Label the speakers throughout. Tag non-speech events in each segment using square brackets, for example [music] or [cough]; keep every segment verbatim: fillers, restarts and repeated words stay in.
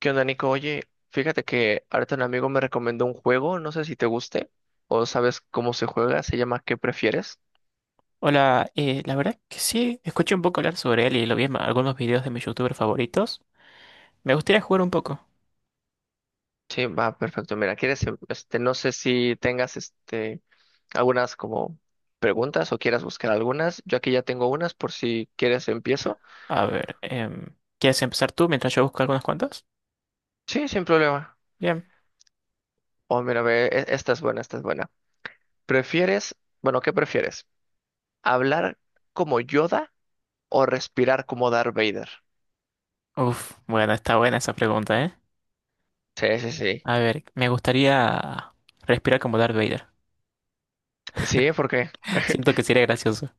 Speaker 1: ¿Qué onda, Nico? Oye, fíjate que ahorita un amigo me recomendó un juego, no sé si te guste o sabes cómo se juega, se llama ¿Qué prefieres?
Speaker 2: Hola, eh, la verdad que sí, escuché un poco hablar sobre él y lo vi en algunos videos de mis youtubers favoritos. Me gustaría jugar un poco.
Speaker 1: Sí, va, perfecto. Mira, quieres, em- este, no sé si tengas, este, algunas como preguntas o quieras buscar algunas. Yo aquí ya tengo unas por si quieres empiezo.
Speaker 2: A ver, em, ¿quieres empezar tú mientras yo busco algunas cuantas?
Speaker 1: Sí, sin problema.
Speaker 2: Bien.
Speaker 1: Oh, mira, ve, e- esta es buena, esta es buena. ¿Prefieres, bueno, ¿qué prefieres? ¿Hablar como Yoda o respirar como Darth Vader?
Speaker 2: Uf, bueno, está buena esa pregunta, ¿eh?
Speaker 1: Sí, sí, sí.
Speaker 2: A ver, me gustaría respirar como Darth Vader.
Speaker 1: Sí, ¿por qué?
Speaker 2: [laughs] Siento que sería gracioso.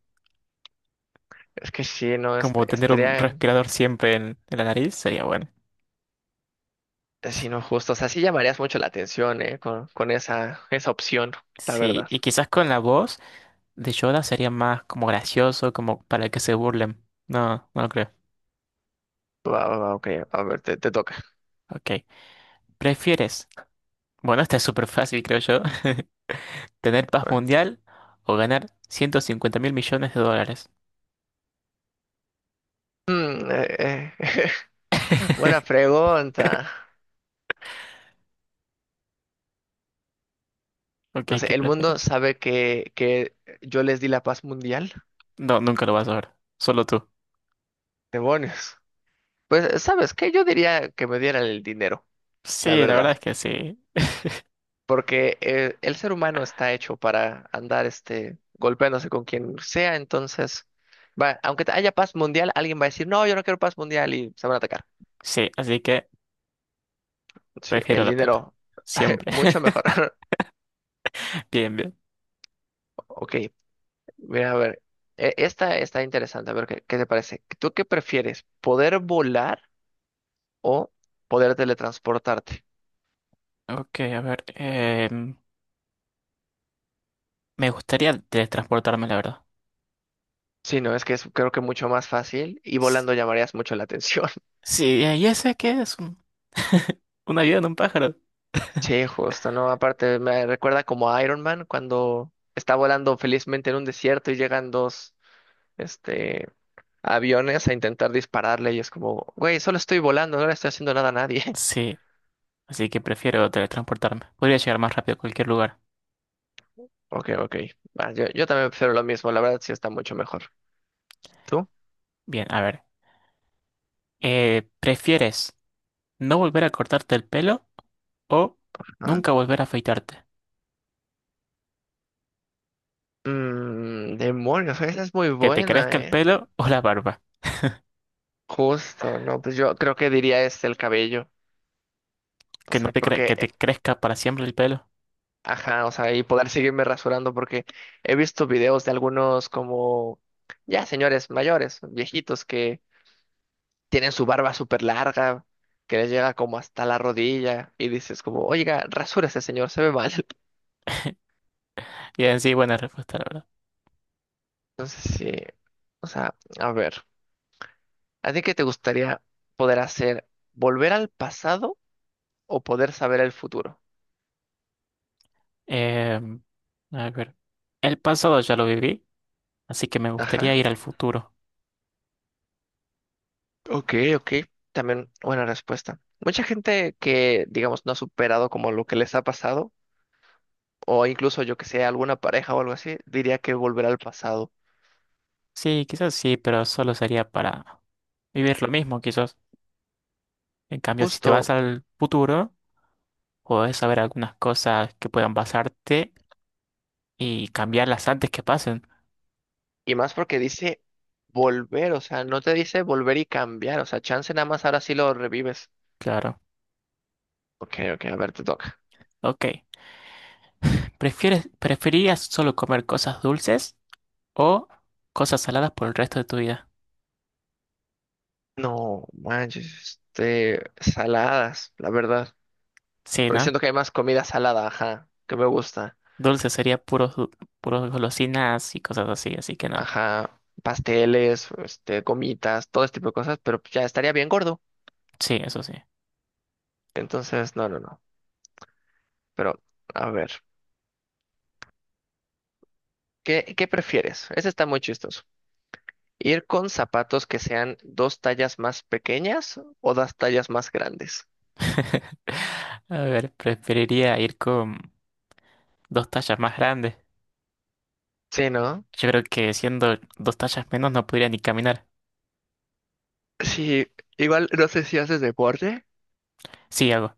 Speaker 1: Es que sí, no, este,
Speaker 2: Como tener un
Speaker 1: estaría,
Speaker 2: respirador siempre en, en la nariz sería bueno.
Speaker 1: sino justo, o sea, sí llamarías mucho la atención, ¿eh? Con, con esa, esa opción, la
Speaker 2: Sí,
Speaker 1: verdad.
Speaker 2: y quizás con la voz de Yoda sería más como gracioso, como para que se burlen. No, no lo creo.
Speaker 1: Va, va, va, ok, a ver, te, te toca.
Speaker 2: Ok. ¿Prefieres? Bueno, esta es súper fácil, creo yo. [laughs] ¿Tener paz
Speaker 1: Va.
Speaker 2: mundial o ganar ciento cincuenta mil millones de dólares?
Speaker 1: Mm, eh, eh, [laughs] Buena
Speaker 2: [laughs]
Speaker 1: pregunta.
Speaker 2: Ok,
Speaker 1: No sé,
Speaker 2: ¿qué
Speaker 1: ¿el mundo
Speaker 2: prefieres?
Speaker 1: sabe que, que yo les di la paz mundial?
Speaker 2: No, nunca lo vas a ver. Solo tú.
Speaker 1: Demonios. Pues, ¿sabes qué? Yo diría que me dieran el dinero, la
Speaker 2: Sí, la
Speaker 1: verdad.
Speaker 2: verdad es que sí.
Speaker 1: porque eh, el ser humano está hecho para andar este, golpeándose con quien sea, entonces, va, aunque haya paz mundial, alguien va a decir, no, yo no quiero paz mundial y se van a atacar.
Speaker 2: Sí, así que
Speaker 1: Sí,
Speaker 2: prefiero
Speaker 1: el
Speaker 2: la plata.
Speaker 1: dinero, [laughs]
Speaker 2: Siempre.
Speaker 1: mucho mejor. [laughs]
Speaker 2: [laughs] Bien, bien.
Speaker 1: Ok, mira, a ver, e- esta está interesante, a ver qué, qué te parece. ¿Tú qué prefieres, poder volar o poder teletransportarte?
Speaker 2: Ok, a ver. em, me gustaría teletransportarme, la verdad.
Speaker 1: Sí, no, es que es creo que mucho más fácil y
Speaker 2: S-
Speaker 1: volando llamarías mucho la atención.
Speaker 2: Sí, eh, ya sé que es un, [laughs] un avión, un pájaro. [laughs]
Speaker 1: Sí, justo, ¿no? Aparte, me recuerda como a Iron Man cuando está volando felizmente en un desierto y llegan dos, este, aviones a intentar dispararle y es como, güey, solo estoy volando, no le estoy haciendo nada a nadie. [laughs]
Speaker 2: Sí, así que prefiero teletransportarme. Podría llegar más rápido a cualquier lugar.
Speaker 1: Ok, ok. Va, yo, yo también prefiero lo mismo, la verdad sí está mucho mejor. ¿Tú?
Speaker 2: Bien, a ver. Eh, ¿prefieres no volver a cortarte el pelo o
Speaker 1: ¿Ah?
Speaker 2: nunca volver a afeitarte?
Speaker 1: Mmm, demonios, esa es muy
Speaker 2: Que te
Speaker 1: buena,
Speaker 2: crezca el
Speaker 1: ¿eh?
Speaker 2: pelo o la barba.
Speaker 1: Justo, ¿no? Pues yo creo que diría es el cabello. O
Speaker 2: Que no
Speaker 1: sea,
Speaker 2: te cre-
Speaker 1: porque
Speaker 2: Que te crezca para siempre el pelo.
Speaker 1: Ajá, o sea, y poder seguirme rasurando porque he visto videos de algunos como ya señores mayores, viejitos que tienen su barba súper larga, que les llega como hasta la rodilla y dices como, oiga, rasúrese señor, se ve mal. [laughs]
Speaker 2: Y en sí, buena respuesta, la verdad.
Speaker 1: Entonces sí, o sea, a ver, ¿a ti qué te gustaría poder hacer? ¿Volver al pasado o poder saber el futuro?
Speaker 2: Em, a ver. El pasado ya lo viví, así que me
Speaker 1: Ajá.
Speaker 2: gustaría ir al futuro.
Speaker 1: Ok, ok, también buena respuesta. Mucha gente que, digamos, no ha superado como lo que les ha pasado o incluso yo que sé, alguna pareja o algo así, diría que volver al pasado.
Speaker 2: Sí, quizás sí, pero solo sería para vivir lo mismo, quizás. En cambio, si te vas
Speaker 1: Justo,
Speaker 2: al futuro, puedes saber algunas cosas que puedan pasarte y cambiarlas antes que pasen.
Speaker 1: y más porque dice volver, o sea, no te dice volver y cambiar, o sea, chance nada más ahora sí lo revives.
Speaker 2: Claro.
Speaker 1: Ok, ok, a ver, te toca.
Speaker 2: Ok. ¿Prefieres, ¿preferirías solo comer cosas dulces o cosas saladas por el resto de tu vida?
Speaker 1: No, manches, este, saladas, la verdad.
Speaker 2: Sí,
Speaker 1: Porque
Speaker 2: ¿no?
Speaker 1: siento que hay más comida salada, ajá, que me gusta.
Speaker 2: Dulce sería puros, du- puros golosinas y cosas así, así que no.
Speaker 1: Ajá, pasteles, este, gomitas, todo este tipo de cosas, pero ya estaría bien gordo.
Speaker 2: Sí, eso sí.
Speaker 1: Entonces, no, no, no. Pero, a ver, ¿qué, qué prefieres? Ese está muy chistoso. Ir con zapatos que sean dos tallas más pequeñas o dos tallas más grandes.
Speaker 2: [laughs] A ver, preferiría ir con dos tallas más grandes.
Speaker 1: Sí, ¿no?
Speaker 2: Yo creo que siendo dos tallas menos no podría ni caminar.
Speaker 1: Sí, igual no sé si haces deporte.
Speaker 2: Sí, hago.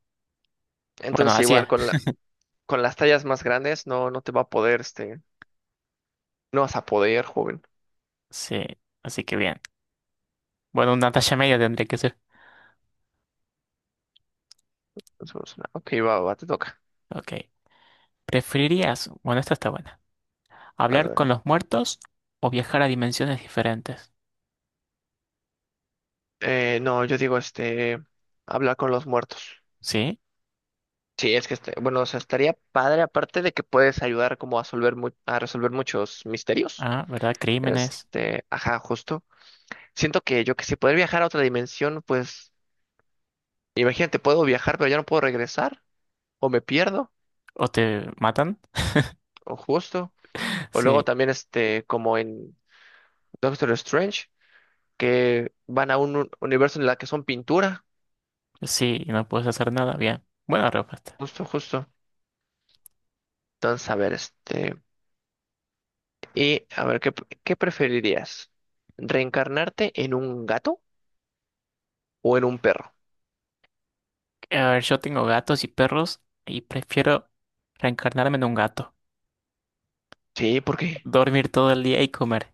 Speaker 2: Bueno,
Speaker 1: Entonces
Speaker 2: así es.
Speaker 1: igual con la, con las tallas más grandes no, no te va a poder, este, no vas a poder, joven.
Speaker 2: Sí, así que bien. Bueno, una talla media tendría que ser.
Speaker 1: Entonces, no, ok, va, va, te toca.
Speaker 2: Ok. ¿Preferirías, bueno, esta está buena,
Speaker 1: A
Speaker 2: hablar
Speaker 1: ver.
Speaker 2: con los muertos o viajar a dimensiones diferentes?
Speaker 1: Eh, no, yo digo, este, hablar con los muertos.
Speaker 2: Sí,
Speaker 1: Sí, es que, este, bueno, o sea, estaría padre, aparte de que puedes ayudar como a resolver, mu- a resolver muchos misterios.
Speaker 2: ah, ¿verdad? Crímenes
Speaker 1: Este, ajá, justo. Siento que yo que si poder viajar a otra dimensión, pues imagínate, puedo viajar, pero ya no puedo regresar, o me pierdo,
Speaker 2: o te matan.
Speaker 1: o justo,
Speaker 2: [laughs]
Speaker 1: o luego
Speaker 2: Sí,
Speaker 1: también este, como en Doctor Strange, que van a un un- universo en la que son pintura,
Speaker 2: sí, y no puedes hacer nada. Bien, buena respuesta.
Speaker 1: justo, justo. Entonces, a ver, este, y a ver, ¿qué, qué, preferirías? ¿Reencarnarte en un gato o en un perro?
Speaker 2: A ver, yo tengo gatos y perros y prefiero reencarnarme en un gato,
Speaker 1: Sí, porque,
Speaker 2: dormir todo el día y comer.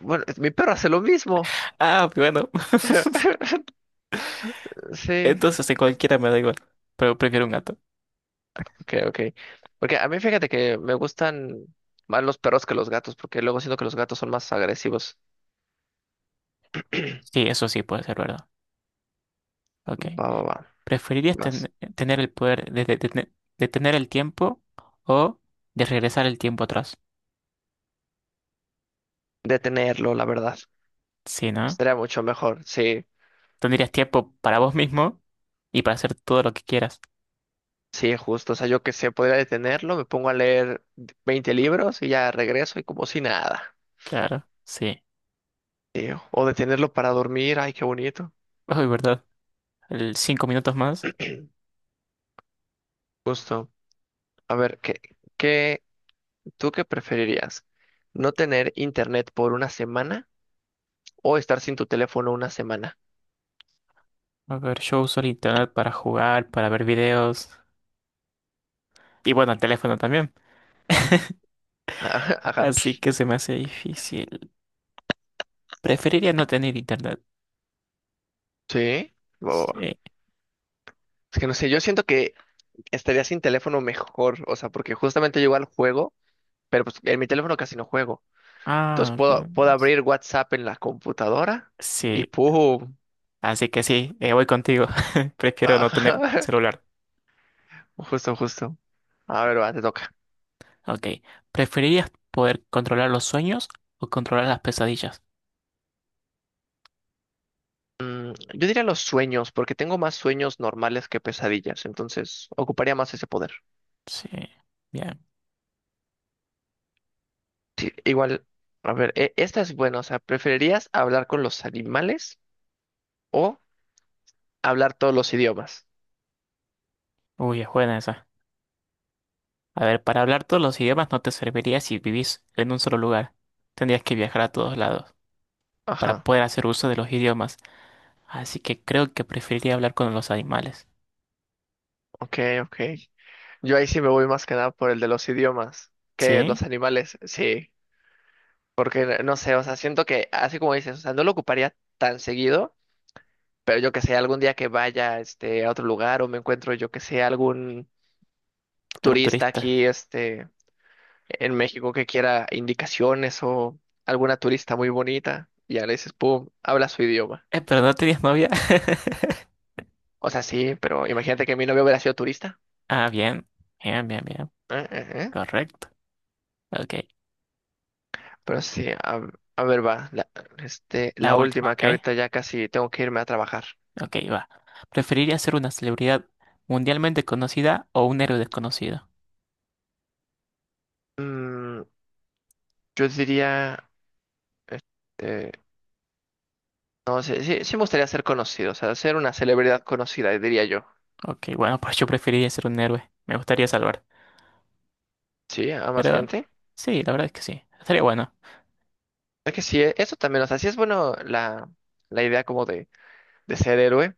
Speaker 1: bueno, mi perro hace lo mismo.
Speaker 2: Ah, bueno, [laughs]
Speaker 1: [laughs] Sí.
Speaker 2: entonces en cualquiera me da igual, pero prefiero un gato.
Speaker 1: Ok, ok. Porque a mí fíjate que me gustan más los perros que los gatos, porque luego siento que los gatos son más agresivos.
Speaker 2: Sí, eso sí puede ser verdad. Ok.
Speaker 1: Va, va, va.
Speaker 2: ¿Preferirías
Speaker 1: Más
Speaker 2: ten- tener el poder de, de- de- de detener el tiempo o de regresar el tiempo atrás?
Speaker 1: detenerlo, la verdad.
Speaker 2: Sí, ¿no?
Speaker 1: Estaría mucho mejor. Sí,
Speaker 2: Tendrías tiempo para vos mismo y para hacer todo lo que quieras.
Speaker 1: sí, justo. O sea, yo que sé, podría detenerlo, me pongo a leer veinte libros y ya regreso y como si nada.
Speaker 2: Claro, sí.
Speaker 1: Sí, o detenerlo para dormir. Ay, qué bonito.
Speaker 2: Ay, verdad. El cinco minutos más.
Speaker 1: Justo. A ver, ¿qué, qué, tú qué preferirías? ¿No tener internet por una semana o estar sin tu teléfono una semana?
Speaker 2: A ver, yo uso el internet para jugar, para ver videos. Y bueno, el teléfono también.
Speaker 1: [laughs] Ajá.
Speaker 2: Así que se me hace difícil. Preferiría no tener internet.
Speaker 1: Sí, o-
Speaker 2: Sí.
Speaker 1: es que no sé, yo siento que estaría sin teléfono mejor, o sea, porque justamente yo igual juego, pero pues en mi teléfono casi no juego. Entonces
Speaker 2: Ah,
Speaker 1: puedo,
Speaker 2: ya.
Speaker 1: puedo abrir WhatsApp en la computadora y
Speaker 2: Sí.
Speaker 1: ¡pum!
Speaker 2: Así que sí, eh, voy contigo. [laughs] Prefiero no tener
Speaker 1: Ajá.
Speaker 2: celular.
Speaker 1: [laughs] Justo, justo. A ver, va, te toca.
Speaker 2: Ok. ¿Preferirías poder controlar los sueños o controlar las pesadillas?
Speaker 1: Mm, Yo diría los sueños, porque tengo más sueños normales que pesadillas, entonces ocuparía más ese poder.
Speaker 2: Sí. Bien.
Speaker 1: Sí, igual, a ver, e- esta es buena, o sea, ¿preferirías hablar con los animales o hablar todos los idiomas?
Speaker 2: Uy, es buena esa. A ver, para hablar todos los idiomas no te serviría si vivís en un solo lugar. Tendrías que viajar a todos lados para
Speaker 1: Ajá,
Speaker 2: poder hacer uso de los idiomas. Así que creo que preferiría hablar con los animales.
Speaker 1: ok, ok. Yo ahí sí me voy más que nada por el de los idiomas, que
Speaker 2: ¿Sí?
Speaker 1: los animales, sí, porque no sé, o sea, siento que así como dices, o sea, no lo ocuparía tan seguido, pero yo que sé, algún día que vaya este a otro lugar o me encuentro yo que sé algún
Speaker 2: Un
Speaker 1: turista
Speaker 2: turista.
Speaker 1: aquí este en México que quiera indicaciones o alguna turista muy bonita y ya le dices, pum, habla su idioma.
Speaker 2: Eh, pero no tenías novia. [laughs]
Speaker 1: O sea, sí, pero imagínate que mi novio hubiera sido turista.
Speaker 2: Ah, bien. Bien, bien, bien.
Speaker 1: ¿Eh?
Speaker 2: Correcto. Ok.
Speaker 1: Pero sí, a, a ver, va, la, este,
Speaker 2: La
Speaker 1: la
Speaker 2: última,
Speaker 1: última que
Speaker 2: ¿ok?
Speaker 1: ahorita ya casi tengo que irme a trabajar.
Speaker 2: Ok, va. ¿Preferiría ser una celebridad mundialmente conocida o un héroe desconocido?
Speaker 1: Mm, yo diría, este, no sé, sí, sí me gustaría ser conocido, o sea, ser una celebridad conocida, diría yo.
Speaker 2: Ok, bueno, pues yo preferiría ser un héroe. Me gustaría salvar.
Speaker 1: Sí, a más
Speaker 2: Pero
Speaker 1: gente.
Speaker 2: sí, la verdad es que sí. Estaría bueno.
Speaker 1: Es que sí, eh, eso también, o sea, sí es bueno la, la idea como de, de ser héroe,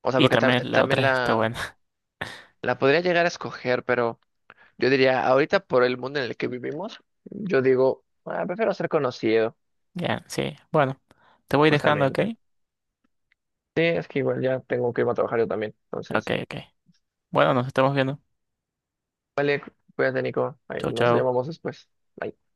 Speaker 1: o sea,
Speaker 2: Y
Speaker 1: porque
Speaker 2: también
Speaker 1: tam-
Speaker 2: la otra
Speaker 1: también
Speaker 2: está
Speaker 1: la,
Speaker 2: buena. [laughs]
Speaker 1: la podría llegar a escoger, pero yo diría, ahorita por el mundo en el que vivimos, yo digo, ah, prefiero ser conocido,
Speaker 2: Ya, sí. Bueno, te voy dejando, ¿ok?
Speaker 1: justamente. Sí, es que igual ya tengo que irme a trabajar yo también.
Speaker 2: Ok,
Speaker 1: Entonces,
Speaker 2: ok. Bueno, nos estamos viendo.
Speaker 1: cuídate, Nico. Ahí
Speaker 2: Chau,
Speaker 1: nos
Speaker 2: chau.
Speaker 1: llamamos después. Bye.